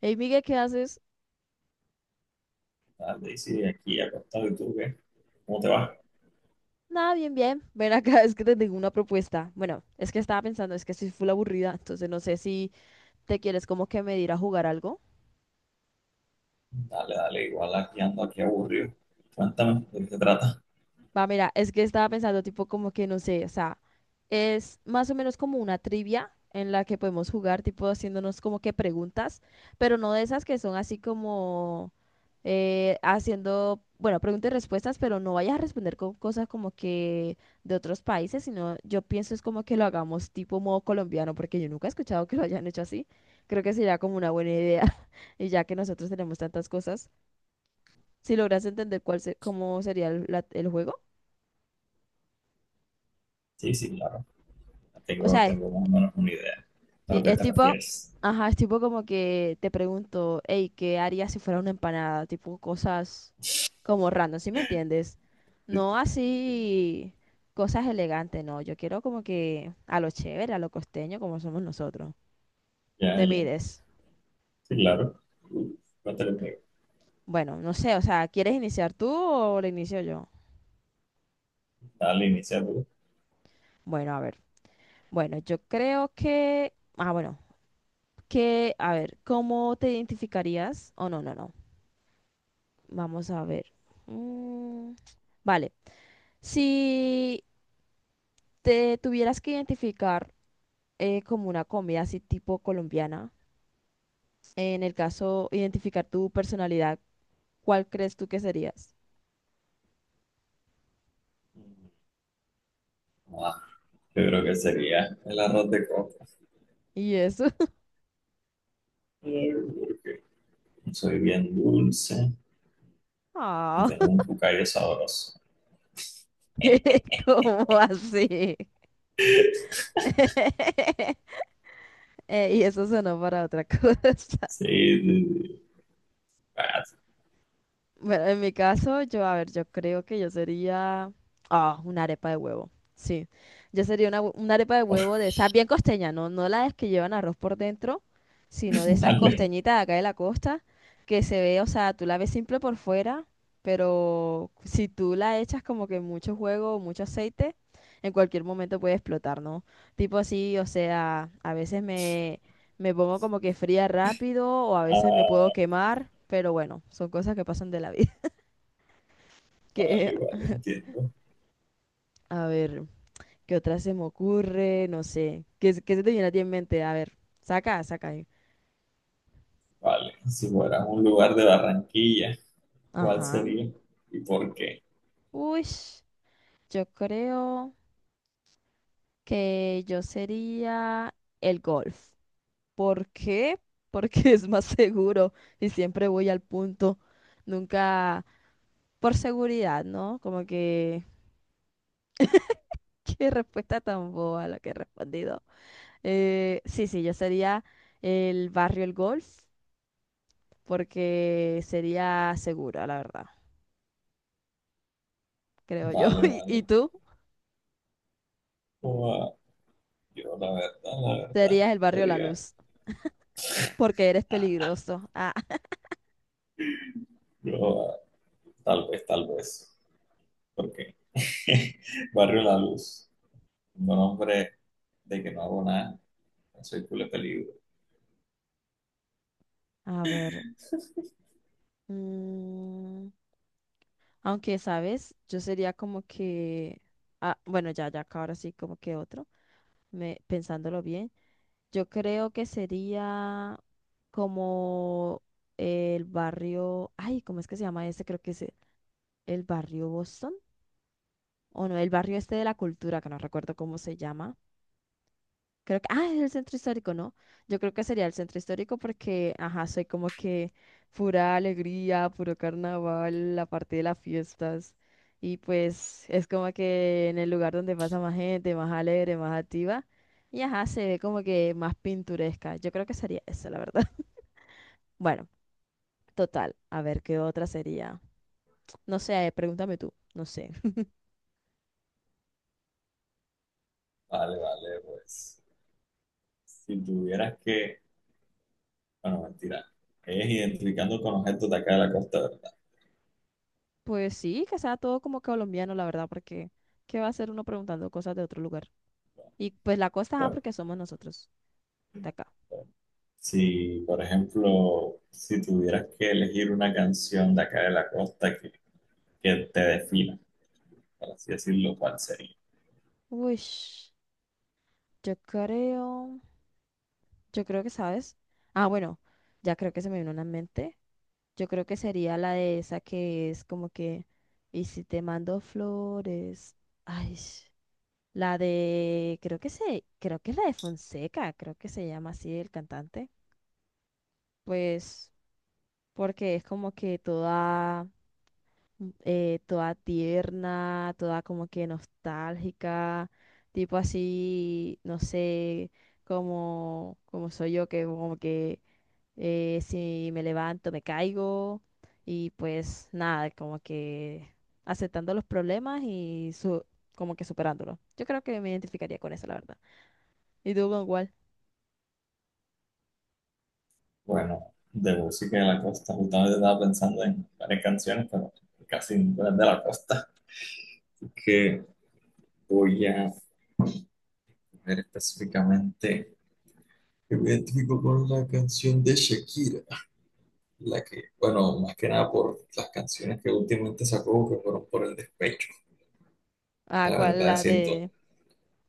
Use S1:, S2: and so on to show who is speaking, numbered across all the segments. S1: Hey Miguel, ¿qué haces?
S2: Dale, sí, aquí acostado. Y tú, ¿qué? ¿Cómo te va?
S1: Nada, bien, bien. Ven acá, es que te tengo una propuesta. Bueno, es que estaba pensando, es que estoy full aburrida, entonces no sé si te quieres como que medir a jugar algo.
S2: Dale, dale, igual aquí ando, aquí aburrido. Cuéntame, ¿de qué se trata?
S1: Va, mira, es que estaba pensando tipo como que no sé, o sea, es más o menos como una trivia en la que podemos jugar, tipo haciéndonos como que preguntas, pero no de esas que son así como haciendo, bueno, preguntas y respuestas, pero no vayas a responder con cosas como que de otros países, sino yo pienso es como que lo hagamos tipo modo colombiano, porque yo nunca he escuchado que lo hayan hecho así. Creo que sería como una buena idea, y ya que nosotros tenemos tantas cosas, si logras entender cómo sería el juego.
S2: Sí, sí, claro.
S1: O
S2: Tengo,
S1: sea,
S2: tengo más o menos una idea a
S1: sí,
S2: lo que
S1: es
S2: te
S1: tipo,
S2: refieres.
S1: ajá, es tipo como que te pregunto, hey, ¿qué harías si fuera una empanada? Tipo cosas como random, ¿sí me entiendes?
S2: Sí, te
S1: No así cosas elegantes, no. Yo quiero como que a lo chévere, a lo costeño, como somos nosotros.
S2: ya,
S1: Te
S2: ya,
S1: mires.
S2: sí, claro. Cuéntale conmigo.
S1: Bueno, no sé, o sea, ¿quieres iniciar tú o lo inicio yo?
S2: Dale, inicia tú.
S1: Bueno, a ver. Bueno, yo creo que, ah, bueno, que, a ver, ¿cómo te identificarías? Oh, no, no, no. Vamos a ver. Mm, vale. Si te tuvieras que identificar como una comida así tipo colombiana, en el caso identificar tu personalidad, ¿cuál crees tú que serías?
S2: Ah, yo creo que sería el arroz de coco.
S1: Y eso.
S2: Eh, Porque soy bien dulce y
S1: Ah,
S2: tengo un cucayo sabroso.
S1: ¿cómo así? Y eso sonó para otra cosa.
S2: Sí, sí, sí. Ah,
S1: Bueno, en mi caso, yo, a ver, yo creo que yo sería, ah, una arepa de huevo, sí. Yo sería una, una arepa de huevo de esas bien costeñas, no, no las que llevan arroz por dentro, sino de esas
S2: vale.
S1: costeñitas de acá de la costa, que se ve, o sea, tú la ves simple por fuera, pero si tú la echas como que mucho juego, mucho aceite, en cualquier momento puede explotar, ¿no? Tipo así, o sea, a veces me pongo como que fría rápido o a veces me puedo
S2: Ah,
S1: quemar, pero bueno, son cosas que pasan de la vida. Que,
S2: vale, vale, entiendo.
S1: a ver, ¿qué otra se me ocurre? No sé. ¿Qué, qué se te viene a ti en mente? A ver, saca. Ahí.
S2: Vale, si fueras un lugar de Barranquilla, ¿cuál
S1: Ajá.
S2: sería y por qué?
S1: Uy, yo creo que yo sería el golf. ¿Por qué? Porque es más seguro y siempre voy al punto. Nunca por seguridad, ¿no? Como que, qué respuesta tan boba la que he respondido. Sí, sí, yo sería el barrio El Golf porque sería segura, la verdad, creo yo.
S2: Vale,
S1: Y,
S2: vale.
S1: y tú
S2: Ua, yo, la verdad, la verdad,
S1: serías el barrio La
S2: sería
S1: Luz porque eres peligroso. Ah,
S2: yo, tal vez, porque Barrio La Luz, un nombre de que no hago nada, no soy culo de peligro.
S1: a ver. Mm, aunque, ¿sabes? Yo sería como que, ah, bueno, ya, ya, acá ahora sí, como que otro, me, pensándolo bien, yo creo que sería como el barrio, ay, ¿cómo es que se llama ese? Creo que es el barrio Boston, o no, el barrio este de la cultura, que no recuerdo cómo se llama. Creo que, ah, es el centro histórico, ¿no? Yo creo que sería el centro histórico porque, ajá, soy como que pura alegría, puro carnaval, la parte de las fiestas. Y pues es como que en el lugar donde pasa más gente, más alegre, más activa. Y ajá, se ve como que más pintoresca. Yo creo que sería eso, la verdad. Bueno, total. A ver, ¿qué otra sería? No sé, pregúntame tú. No sé.
S2: Vale, vale, pues, si tuvieras que, bueno, mentira, es identificando con objetos de acá de la costa, ¿verdad?
S1: Pues sí, que sea todo como colombiano, la verdad, porque ¿qué va a hacer uno preguntando cosas de otro lugar? Y pues la costa, ah,
S2: Bueno,
S1: porque somos nosotros de acá.
S2: si, por ejemplo, si tuvieras que elegir una canción de acá de la costa que te defina, por así decirlo, ¿cuál sería?
S1: Uy, yo creo, yo creo que sabes. Ah, bueno, ya creo que se me vino una en mente. Yo creo que sería la de esa que es como que, y si te mando flores. Ay, la de, creo que se, creo que es la de Fonseca, creo que se llama así el cantante. Pues, porque es como que toda toda tierna, toda como que nostálgica, tipo así, no sé, como, como soy yo, que como que si me levanto me caigo y pues nada, como que aceptando los problemas y como que superándolos. Yo creo que me identificaría con eso, la verdad. ¿Y tú con cuál?
S2: Bueno, de música de la costa, justamente estaba pensando en varias canciones, pero casi ninguna es de la costa. Que voy a ver específicamente. Yo me identifico con la canción de Shakira, la que, bueno, más que nada por las canciones que últimamente sacó, que fueron por el despecho.
S1: Ah,
S2: La
S1: ¿cuál?
S2: verdad,
S1: La
S2: siento,
S1: de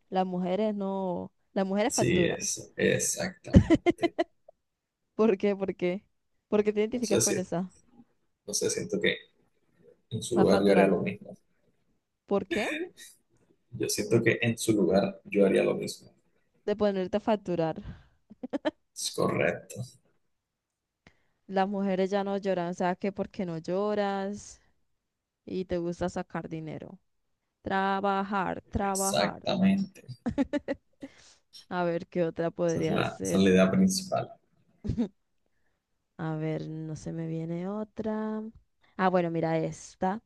S1: las mujeres no, las mujeres
S2: sí,
S1: facturan.
S2: es exactamente.
S1: ¿Por qué? ¿Por qué? ¿Por qué te
S2: No
S1: identificas
S2: sé si,
S1: con esa?
S2: no sé, siento que en su
S1: Vas
S2: lugar yo haría lo
S1: facturando.
S2: mismo.
S1: ¿Por qué?
S2: Yo siento que en su lugar yo haría lo mismo.
S1: De ponerte a facturar.
S2: Es correcto.
S1: Las mujeres ya no lloran, o sea que porque no lloras y te gusta sacar dinero. Trabajar, trabajar.
S2: Exactamente.
S1: A ver qué otra
S2: Esa es
S1: podría
S2: la, esa es
S1: ser.
S2: la idea principal.
S1: A ver, no se me viene otra. Ah, bueno, mira esta.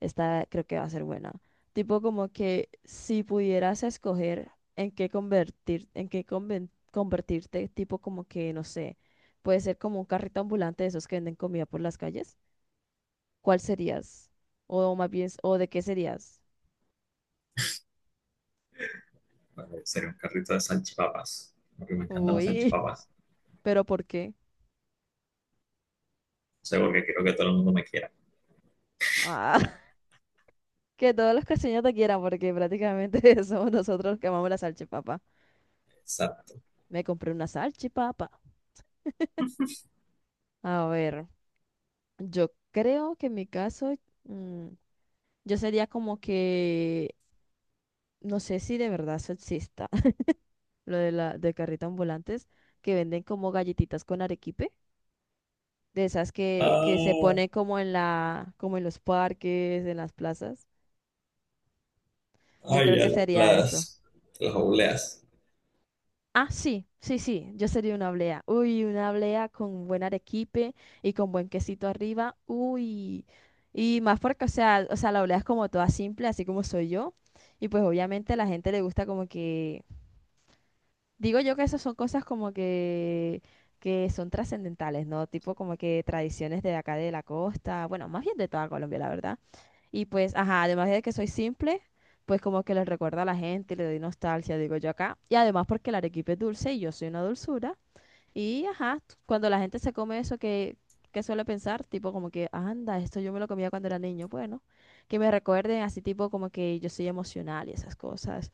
S1: Esta creo que va a ser buena. Tipo como que si pudieras escoger en qué convertir, en convertirte, tipo como que, no sé, puede ser como un carrito ambulante de esos que venden comida por las calles. ¿Cuál serías? O más bien, ¿o de qué serías?
S2: Vale, sería un carrito de salchipapas. Porque me encantan las
S1: Uy,
S2: salchipapas.
S1: pero ¿por qué?
S2: O sea, porque quiero que todo el mundo me quiera.
S1: Ah, que todos los costeños te quieran, porque prácticamente somos nosotros los que amamos la salchipapa.
S2: Exacto.
S1: Me compré una salchipapa. A ver, yo creo que en mi caso, mm, yo sería como que, no sé si de verdad eso exista, lo de la de carrito ambulantes, que venden como galletitas con arequipe, de esas que se
S2: Ah,
S1: pone como en la, como en los parques, en las plazas. Yo
S2: ay,
S1: creo
S2: ya,
S1: que sería eso.
S2: las obleas.
S1: Ah, sí, sí, sí, yo sería una blea. Uy, una blea con buen arequipe y con buen quesito arriba. Uy. Y más porque, o sea, la blea es como toda simple, así como soy yo. Y pues obviamente a la gente le gusta como que digo yo que esas son cosas como que son trascendentales, ¿no? Tipo como que tradiciones de acá de la costa, bueno, más bien de toda Colombia, la verdad. Y pues, ajá, además de que soy simple, pues como que les recuerda a la gente, le doy nostalgia, digo yo acá. Y además porque el arequipe es dulce y yo soy una dulzura. Y ajá, cuando la gente se come eso que suele pensar, tipo como que, anda, esto yo me lo comía cuando era niño, bueno, que me recuerden así tipo como que yo soy emocional y esas cosas,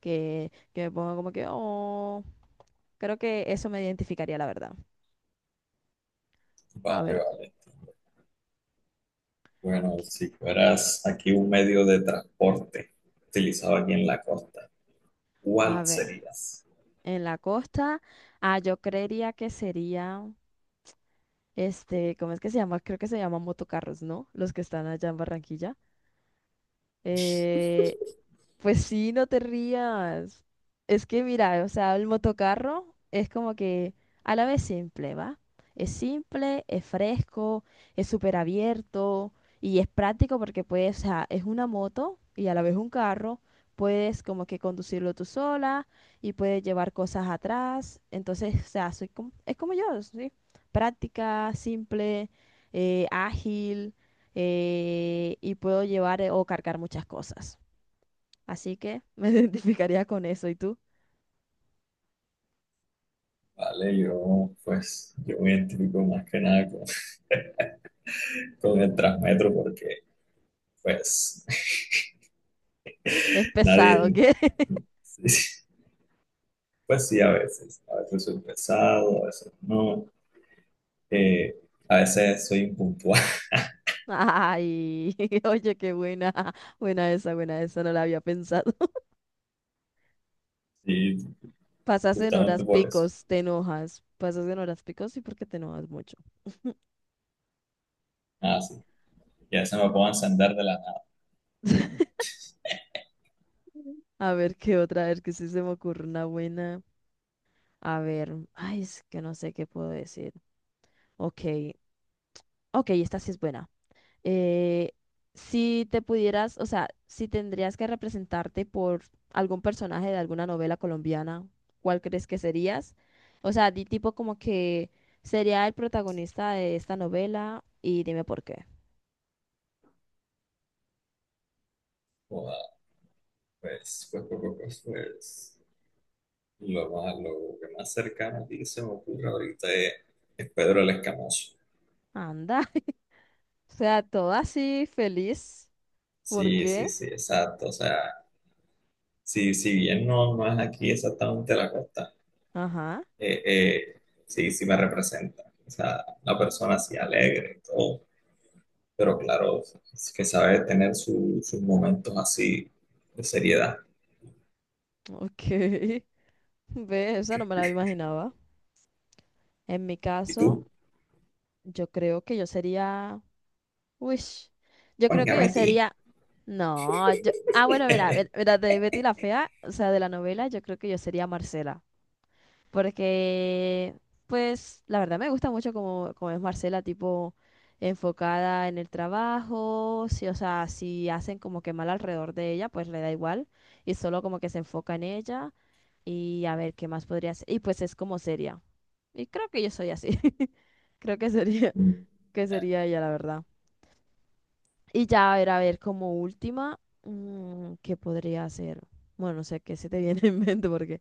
S1: que me pongan como que, oh. Creo que eso me identificaría, la verdad. A
S2: Vale,
S1: ver,
S2: vale. Bueno, si fueras aquí un medio de transporte utilizado aquí en la costa, ¿cuál
S1: a ver.
S2: serías?
S1: En la costa, ah, yo creería que sería, este, ¿cómo es que se llama? Creo que se llaman motocarros, ¿no? Los que están allá en Barranquilla. Eh, Pues sí, no te rías. Es que mira, o sea, el motocarro es como que a la vez simple, ¿va? Es simple, es fresco, es súper abierto y es práctico porque puedes, o sea, es una moto y a la vez un carro, puedes como que conducirlo tú sola y puedes llevar cosas atrás. Entonces, o sea, soy como, es como yo, ¿sí? Práctica, simple, ágil y puedo llevar o cargar muchas cosas. Así que me identificaría con eso. ¿Y tú?
S2: Vale, yo me identifico más que nada con, con el Transmetro porque pues
S1: Es pesado,
S2: nadie,
S1: ¿qué?
S2: sí, sí, pues sí, a veces soy pesado, a veces no, eh, a veces soy impuntual,
S1: Ay, oye, qué buena. Buena esa, no la había pensado.
S2: y
S1: Pasas en
S2: justamente
S1: horas
S2: por eso.
S1: picos, te enojas. Pasas en horas picos, sí, porque te enojas mucho.
S2: Ah, sí, y a veces me puedo encender de la nada.
S1: A ver qué otra, a ver que sí se me ocurre una buena. A ver, ay, es que no sé qué puedo decir. Ok, ok, esta sí es buena. eh, si te pudieras, o sea, si tendrías que representarte por algún personaje de alguna novela colombiana, ¿cuál crees que serías? O sea, di tipo como que sería el protagonista de esta novela y dime por qué.
S2: Joda, Pues, pues, pues, pues, pues, pues, lo más, lo que más cercano a ti se me ocurre ahorita es Pedro el Escamoso.
S1: Anda, o sea, todo así feliz. ¿Por
S2: Sí,
S1: qué?
S2: sí, sí, exacto, o sea... Si, si bien no, no es aquí exactamente la costa,
S1: Ajá,
S2: eh, eh, sí, sí me representa. O sea, una persona así alegre y todo, pero claro, es que sabe tener sus momentos así de seriedad.
S1: ok. Ve, esa no me la imaginaba. En mi
S2: ¿Y
S1: caso,
S2: tú?
S1: yo creo que yo sería. Uy, yo creo
S2: Oiga,
S1: que yo
S2: Betty.
S1: sería. No, yo. Ah, bueno, mira, mira, de Betty la Fea, o sea, de la novela, yo creo que yo sería Marcela. Porque, pues, la verdad me gusta mucho como, como es Marcela, tipo, enfocada en el trabajo. Sí, o sea, si hacen como que mal alrededor de ella, pues le da igual. Y solo como que se enfoca en ella. Y a ver qué más podría hacer. Y pues es como seria. Y creo que yo soy así. Creo
S2: Mm,
S1: que
S2: ya,
S1: sería ella, la verdad. Y ya, a ver, como última, mm, ¿qué podría hacer? Bueno, no sé qué se te viene en mente porque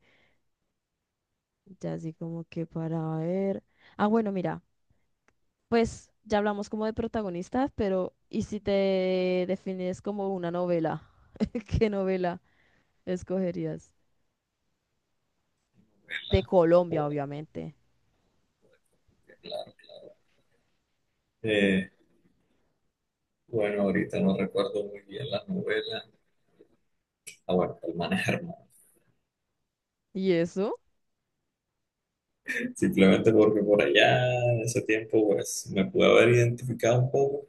S1: ya así como que para ver. Ah, bueno, mira, pues ya hablamos como de protagonistas, pero ¿y si te defines como una novela? ¿Qué novela escogerías? De Colombia,
S2: joder,
S1: obviamente.
S2: qué claro. Eh, bueno, ahorita no recuerdo muy bien las novelas. Ah, bueno, El Man es Hermano.
S1: ¿Y eso?
S2: Simplemente porque por allá, en ese tiempo, pues me pude haber identificado un poco.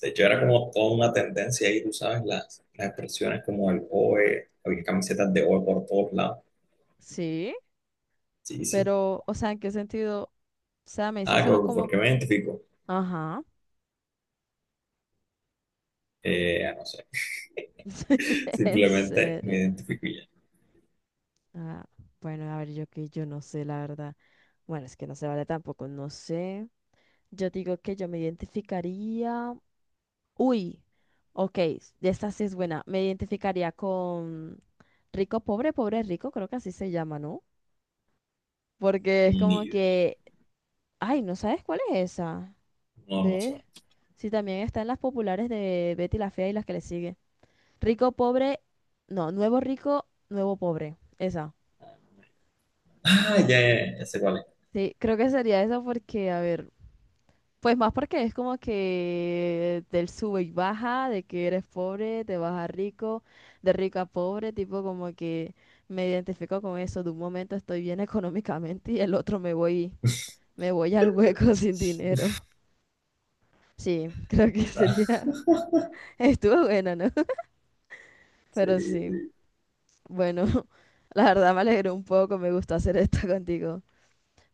S2: De hecho, era como toda una tendencia ahí, tú sabes, las expresiones como el OE, había camisetas de OE por todos lados.
S1: Sí,
S2: Sí, sí.
S1: pero, o sea, ¿en qué sentido? O sea, me dice
S2: Ah,
S1: solo
S2: como, ¿por
S1: como,
S2: qué me identifico?
S1: ajá,
S2: No sé.
S1: ¿en
S2: Simplemente
S1: serio?
S2: me identifico y ya.
S1: Ah, bueno, a ver, yo que yo no sé, la verdad. Bueno, es que no se vale tampoco, no sé. Yo digo que yo me identificaría. Uy, ok, esta sí es buena. Me identificaría con rico, pobre, pobre, rico, creo que así se llama, ¿no? Porque es
S2: Ni
S1: como
S2: idea.
S1: que, ay, ¿no sabes cuál es esa?
S2: No, no me
S1: ¿Ves?
S2: suena.
S1: Sí, también está en las populares de Betty la Fea y las que le siguen. Rico, pobre, no, nuevo rico, nuevo pobre. Esa.
S2: Ah, ya, ya, ya sé cuál es.
S1: Sí, creo que sería eso porque, a ver, pues más porque es como que del sube y baja, de que eres pobre, te vas a rico, de rico a pobre, tipo como que me identifico con eso, de un momento estoy bien económicamente y el otro me voy al hueco sin dinero. Sí, creo que sería, estuvo bueno, ¿no?
S2: Sí,
S1: Pero sí,
S2: sí,
S1: bueno, la verdad me alegró un poco, me gustó hacer esto contigo.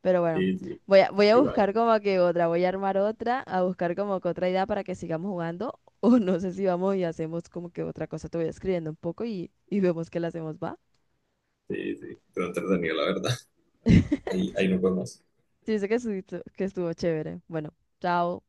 S1: Pero bueno,
S2: sí, sí.
S1: voy a, voy a
S2: Igual.
S1: buscar como que otra, voy a armar otra, a buscar como que otra idea para que sigamos jugando. O no sé si vamos y hacemos como que otra cosa. Te voy escribiendo un poco y vemos qué la hacemos, ¿va?
S2: Sí, sí. Pero entretenido, la verdad. Ahí, ahí nos vemos.
S1: Sí, sé que estuvo chévere. Bueno, chao.